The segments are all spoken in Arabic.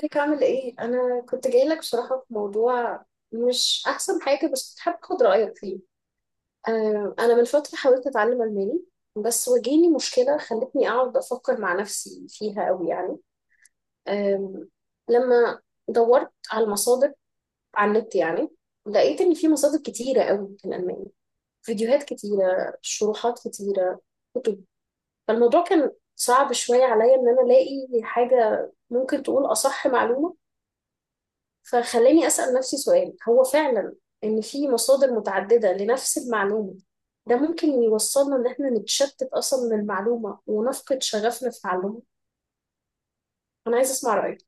ازيك عامل ايه؟ انا كنت جاي لك بصراحة في موضوع مش احسن حاجة، بس كنت حابة اخد رأيك فيه. انا من فترة حاولت اتعلم الماني، بس واجهني مشكلة خلتني اقعد افكر مع نفسي فيها قوي يعني. آم، لما دورت على المصادر على النت يعني، لقيت ان في مصادر كتيرة قوي في الالماني، فيديوهات كتيرة، شروحات كتيرة، كتب. فالموضوع كان صعب شوية عليا ان انا الاقي حاجة ممكن تقول اصح معلومة. فخلاني أسأل نفسي سؤال: هو فعلا إن في مصادر متعددة لنفس المعلومة، ده ممكن يوصلنا إن إحنا نتشتت أصلا من المعلومة ونفقد شغفنا في تعلمها؟ أنا عايزة أسمع رأيك.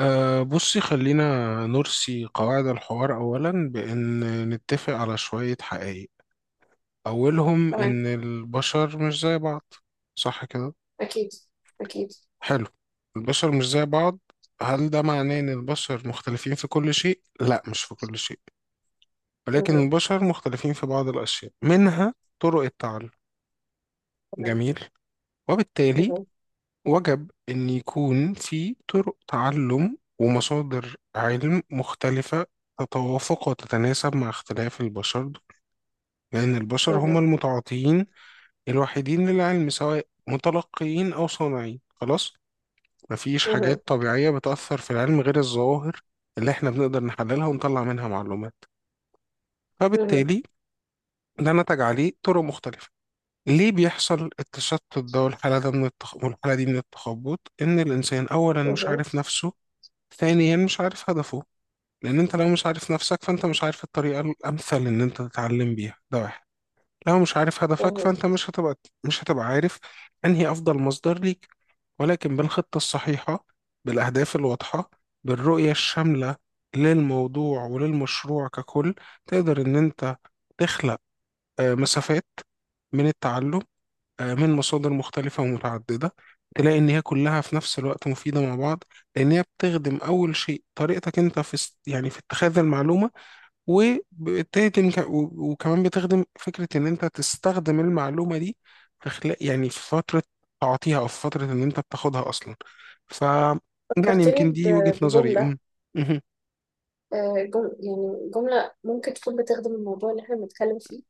بصي خلينا نرسي قواعد الحوار أولا بأن نتفق على شوية حقائق. أولهم تمام. إن البشر مش زي بعض، صح كده؟ أكيد. أكيد. حلو، البشر مش زي بعض. هل ده معناه إن البشر مختلفين في كل شيء؟ لا، مش في كل شيء، ولكن مهم. البشر مختلفين في بعض الأشياء، منها طرق التعلم. تمام. جميل. وبالتالي مهم. وجب أن يكون في طرق تعلم ومصادر علم مختلفة تتوافق وتتناسب مع اختلاف البشر، لأن البشر هم مهم. المتعاطيين الوحيدين للعلم، سواء متلقيين أو صانعين. خلاص، مفيش مهم. حاجات طبيعية بتأثر في العلم غير الظواهر اللي احنا بنقدر نحللها ونطلع منها معلومات. مهم. فبالتالي ده نتج عليه طرق مختلفة. ليه بيحصل التشتت ده والحالة ده من والحالة دي من التخبط؟ إن الإنسان أولا مش مهم. عارف نفسه، ثانيا مش عارف هدفه. لان انت لو مش عارف نفسك فانت مش عارف الطريقة الامثل ان انت تتعلم بيها، ده واحد. لو مش عارف هدفك مهم. فانت مش هتبقى عارف انهي افضل مصدر ليك. ولكن بالخطة الصحيحة، بالاهداف الواضحة، بالرؤية الشاملة للموضوع وللمشروع ككل، تقدر ان انت تخلق مسافات من التعلم، من مصادر مختلفة ومتعددة، تلاقي إن هي كلها في نفس الوقت مفيدة مع بعض، لأن هي بتخدم أول شيء طريقتك أنت في يعني في اتخاذ المعلومة، وبتهدم وكمان بتخدم فكرة إن أنت تستخدم المعلومة دي في خلال، يعني في فترة تعطيها، أو في فترة إن أنت بتاخدها أصلا. ف يعني فكرتني يمكن دي وجهة نظري بجملة. أم. مهم. يعني جملة ممكن تكون بتخدم الموضوع اللي إحنا بنتكلم فيه.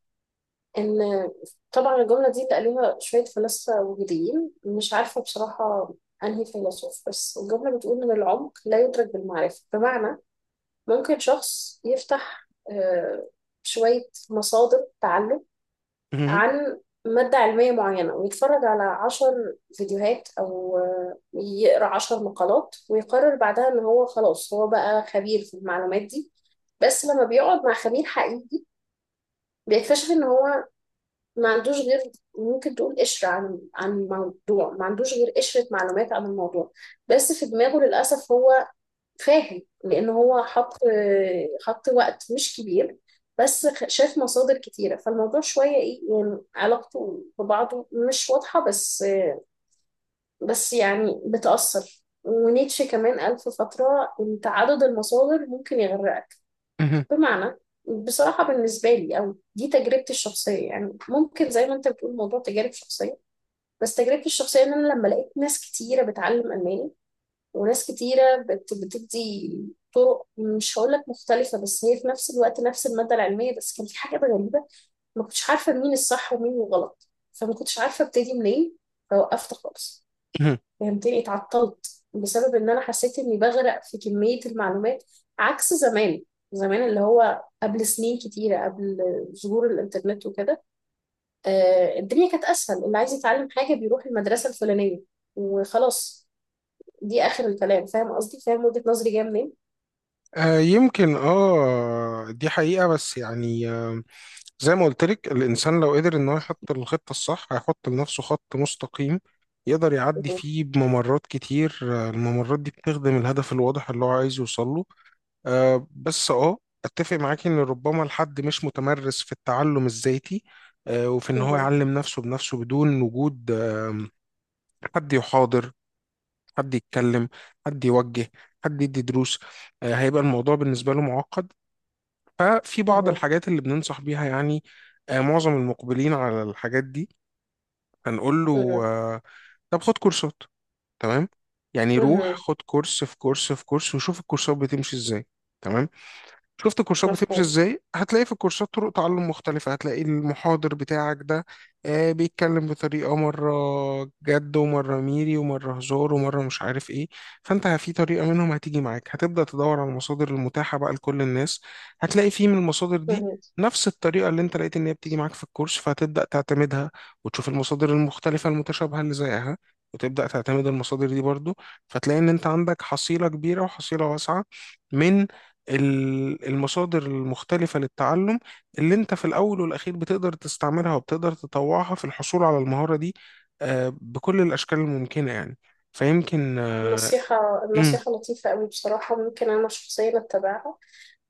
ان طبعا الجمله دي تقاليها شويه فلاسفه وجوديين، مش عارفه بصراحه انهي فيلسوف، بس الجمله بتقول ان العمق لا يدرك بالمعرفه. بمعنى ممكن شخص يفتح آه، شويه مصادر تعلم مهم. عن مادة علمية معينة، ويتفرج على عشر فيديوهات أو يقرأ عشر مقالات، ويقرر بعدها إن هو خلاص هو بقى خبير في المعلومات دي. بس لما بيقعد مع خبير حقيقي بيكتشف ان هو ما عندوش غير، ممكن تقول، قشرة عن الموضوع، ما عندوش غير قشرة معلومات عن الموضوع. بس في دماغه للأسف هو فاهم، لأن هو حط وقت مش كبير، شاف مصادر كتيرة، فالموضوع شوية إيه يعني، علاقته ببعضه مش واضحة. بس يعني بتأثر، ونيتشه كمان قال في فترة إن تعدد المصادر ممكن يغرقك. مهم. بمعنى بصراحة بالنسبة لي، أو دي تجربتي الشخصية يعني، ممكن زي ما أنت بتقول موضوع تجارب شخصية، بس تجربتي الشخصية إن أنا لما لقيت ناس كتيرة بتعلم ألماني، وناس كتيرة بتدي طرق مش هقولك مختلفة بس هي في نفس الوقت نفس المادة العلمية، بس كان في حاجات غريبة ما كنتش عارفة مين الصح ومين الغلط، فما كنتش عارفة ابتدي منين، فوقفت خالص. مهم. فهمتني؟ اتعطلت بسبب إن أنا حسيت إني بغرق في كمية المعلومات. عكس زمان، زمان اللي هو قبل سنين كتيرة قبل ظهور الإنترنت وكده. الدنيا كانت اسهل، اللي عايز يتعلم حاجه بيروح المدرسه الفلانيه وخلاص، دي اخر الكلام. فاهم قصدي؟ فاهم وجهه نظري جايه منين؟ يمكن دي حقيقة، بس يعني، زي ما قلت لك، الإنسان لو قدر إن هو يحط الخطة الصح هيحط لنفسه خط مستقيم يقدر يعدي مهم، فيه بممرات كتير. الممرات دي بتخدم الهدف الواضح اللي هو عايز يوصل له. آه، بس اه أتفق معاكي إن ربما الحد مش متمرس في التعلم الذاتي، وفي إن هو مهم، يعلم نفسه بنفسه بدون وجود حد يحاضر، حد يتكلم، حد يوجه، حد يدي دروس. هيبقى الموضوع بالنسبة له معقد. ففي بعض مهم، الحاجات اللي بننصح بيها يعني، معظم المقبلين على الحاجات دي، هنقول له، مهم، طب خد كورسات. تمام، يعني روح مهم، خد كورس في كورس في كورس، وشوف الكورسات بتمشي ازاي. تمام. شفت الكورسات بتمشي مفهوم، ازاي، هتلاقي في الكورسات طرق تعلم مختلفة. هتلاقي المحاضر بتاعك ده بيتكلم بطريقة مرة جد، ومرة ميري، ومرة هزار، ومرة مش عارف ايه. فانت في طريقة منهم هتيجي معاك، هتبدأ تدور على المصادر المتاحة بقى لكل الناس، هتلاقي في من المصادر دي مهم. نفس الطريقة اللي انت لقيت ان هي بتيجي معاك في الكورس، فهتبدأ تعتمدها، وتشوف المصادر المختلفة المتشابهة اللي زيها، وتبدأ تعتمد المصادر دي برضو. فتلاقي ان انت عندك حصيلة كبيرة وحصيلة واسعة من المصادر المختلفة للتعلم، اللي انت في الأول والأخير بتقدر تستعملها وبتقدر تطوعها في الحصول على المهارة دي بكل الأشكال الممكنة يعني. فيمكن النصيحة، مم، النصيحة لطيفة أوي بصراحة، ممكن أنا شخصيا أتبعها.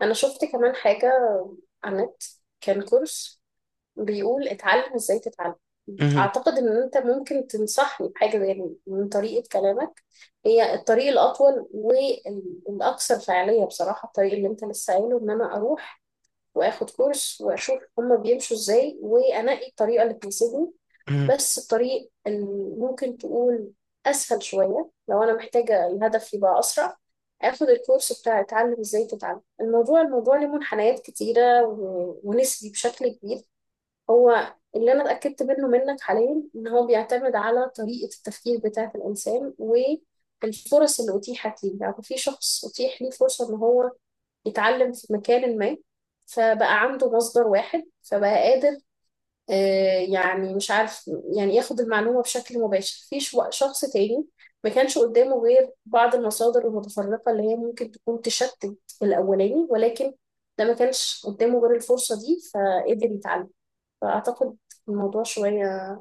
أنا شفت كمان حاجة على النت، كان كورس بيقول اتعلم ازاي تتعلم. مم، اعتقد ان انت ممكن تنصحني بحاجه زي دي من طريقه كلامك. هي الطريق الاطول والاكثر فعاليه بصراحه، الطريق اللي انت لسه قايله، ان انا اروح واخد كورس واشوف هما بيمشوا ازاي وانقي الطريقه اللي تناسبني. مم. بس الطريق اللي ممكن تقول اسهل شويه، لو انا محتاجه الهدف يبقى اسرع، اخد الكورس بتاع اتعلم ازاي تتعلم. الموضوع، له منحنيات كتيره ونسبي بشكل كبير. هو اللي انا اتاكدت منه منك حاليا ان هو بيعتمد على طريقه التفكير بتاعه الانسان والفرص اللي اتيحت ليه. يعني في شخص اتيح ليه فرصه ان هو يتعلم في مكان ما، فبقى عنده مصدر واحد، فبقى قادر يعني مش عارف، يعني ياخد المعلومه بشكل مباشر. في شخص تاني ما كانش قدامه غير بعض المصادر المتفرقه اللي هي ممكن تكون تشتت الاولاني، ولكن ده ما كانش قدامه غير الفرصه دي فقدر يتعلم. فأعتقد الموضوع شوية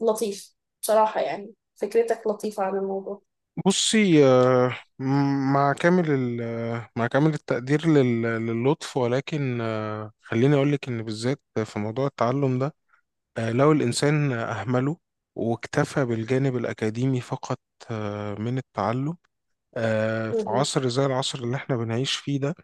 لطيف بصراحة، يعني فكرتك لطيفة عن الموضوع. بصي، مع كامل التقدير للطف، ولكن خليني أقول لك إن بالذات في موضوع التعلم ده، لو الإنسان أهمله واكتفى بالجانب الأكاديمي فقط من التعلم، في مهم. عصر زي العصر اللي احنا بنعيش فيه ده،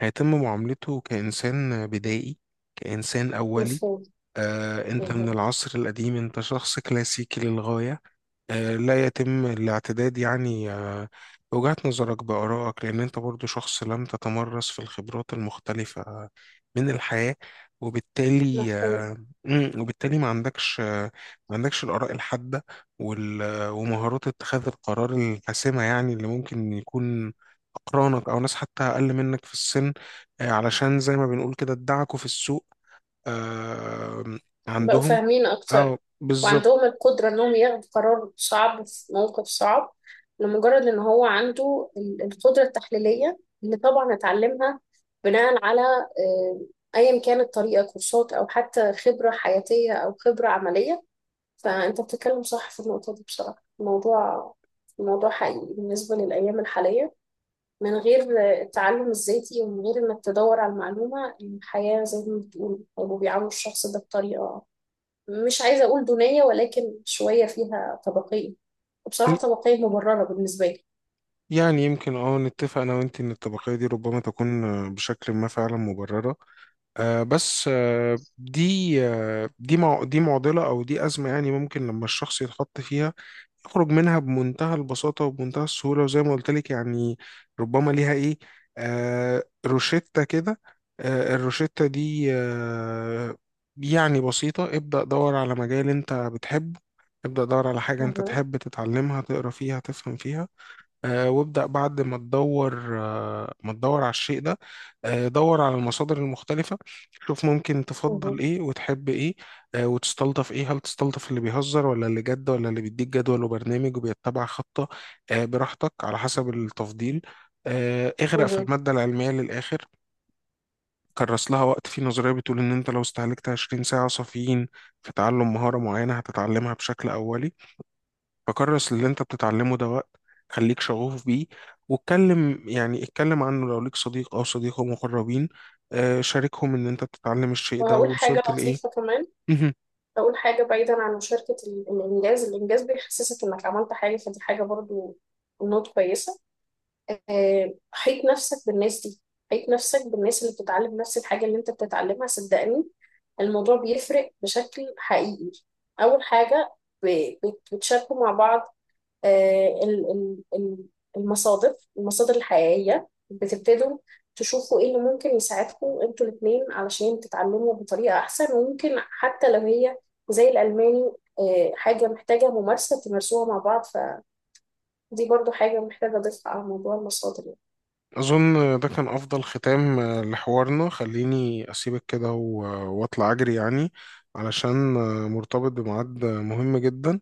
هيتم معاملته كإنسان بدائي، كإنسان أولي. مفهوم. انت من مهم. العصر القديم، انت شخص كلاسيكي للغاية. لا يتم الاعتداد يعني بوجهة نظرك، بآرائك، لأن أنت برضو شخص لم تتمرس في الخبرات المختلفة من الحياة. وبالتالي مفهوم. وبالتالي ما عندكش الآراء الحادة ومهارات اتخاذ القرار الحاسمة، يعني اللي ممكن يكون أقرانك أو ناس حتى أقل منك في السن علشان زي ما بنقول كده ادعكوا في السوق، آه، بقوا عندهم. فاهمين أكتر، اه، بالظبط. وعندهم القدرة إنهم ياخدوا قرار صعب في موقف صعب، لمجرد إن هو عنده القدرة التحليلية اللي طبعا اتعلمها بناء على، أيا كانت طريقة، كورسات أو حتى خبرة حياتية أو خبرة عملية. فأنت بتتكلم صح في النقطة دي بصراحة. الموضوع، حقيقي بالنسبة للأيام الحالية. من غير التعلم الذاتي ومن غير إنك تدور على المعلومة، الحياة زي ما بتقول هيبقوا بيعاملوا الشخص ده بطريقة، مش عايزة أقول دونية، ولكن شوية فيها طبقية. وبصراحة طبقية مبررة بالنسبة لي. يعني يمكن اه نتفق انا وانت ان الطبقية دي ربما تكون بشكل ما فعلا مبررة. آه بس آه دي آه دي مع دي معضلة او دي ازمة، يعني ممكن لما الشخص يتحط فيها يخرج منها بمنتهى البساطة وبمنتهى السهولة. وزي ما قلت لك، يعني ربما ليها ايه، روشتة كده. الروشتة دي يعني بسيطة: ابدأ دور على مجال انت بتحبه، ابدأ دور على حاجة انت مهم. تحب تتعلمها، تقرا فيها، تفهم فيها. وابدأ بعد ما تدور على الشيء ده، دور على المصادر المختلفة، شوف ممكن تفضل مهم. ايه وتحب ايه، وتستلطف ايه. هل تستلطف اللي بيهزر، ولا اللي جد، ولا اللي بيديك جدول وبرنامج وبيتبع خطة؟ براحتك على حسب التفضيل. اغرق في مهم. المادة العلمية للآخر، كرس لها وقت. في نظرية بتقول إن أنت لو استهلكت 20 ساعة صافيين في تعلم مهارة معينة هتتعلمها بشكل أولي. فكرس اللي انت بتتعلمه ده وقت، خليك شغوف بيه، واتكلم يعني اتكلم عنه، لو ليك صديق او صديقه مقربين شاركهم ان انت بتتعلم الشيء ده وهقول حاجة ووصلت لايه. لطيفة كمان. مهم. هقول حاجة بعيدا عن مشاركة الإنجاز، الإنجاز بيحسسك إنك عملت حاجة، فدي حاجة برضو نوت كويسة. حيط نفسك بالناس دي، حيط نفسك بالناس اللي بتتعلم نفس الحاجة اللي انت بتتعلمها، صدقني الموضوع بيفرق بشكل حقيقي. أول حاجة بتشاركوا مع بعض آه، ال- ال- ال- المصادر، الحقيقية بتبتدوا تشوفوا ايه اللي ممكن يساعدكم انتوا الاتنين علشان تتعلموا بطريقة أحسن. وممكن حتى لو هي زي الألماني، حاجة محتاجة ممارسة تمارسوها مع بعض، فدي برضو حاجة محتاجة أضيفها على موضوع المصادر يعني. اظن ده كان افضل ختام لحوارنا. خليني اسيبك كده و- واطلع اجري يعني، علشان مرتبط بميعاد مهم جدا،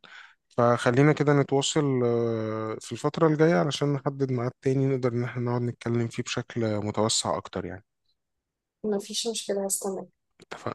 فخلينا كده نتواصل في الفترة الجاية علشان نحدد ميعاد تاني نقدر ان احنا نقعد نتكلم فيه بشكل متوسع اكتر يعني. مفيش مشكلة، هستنى. اتفقنا.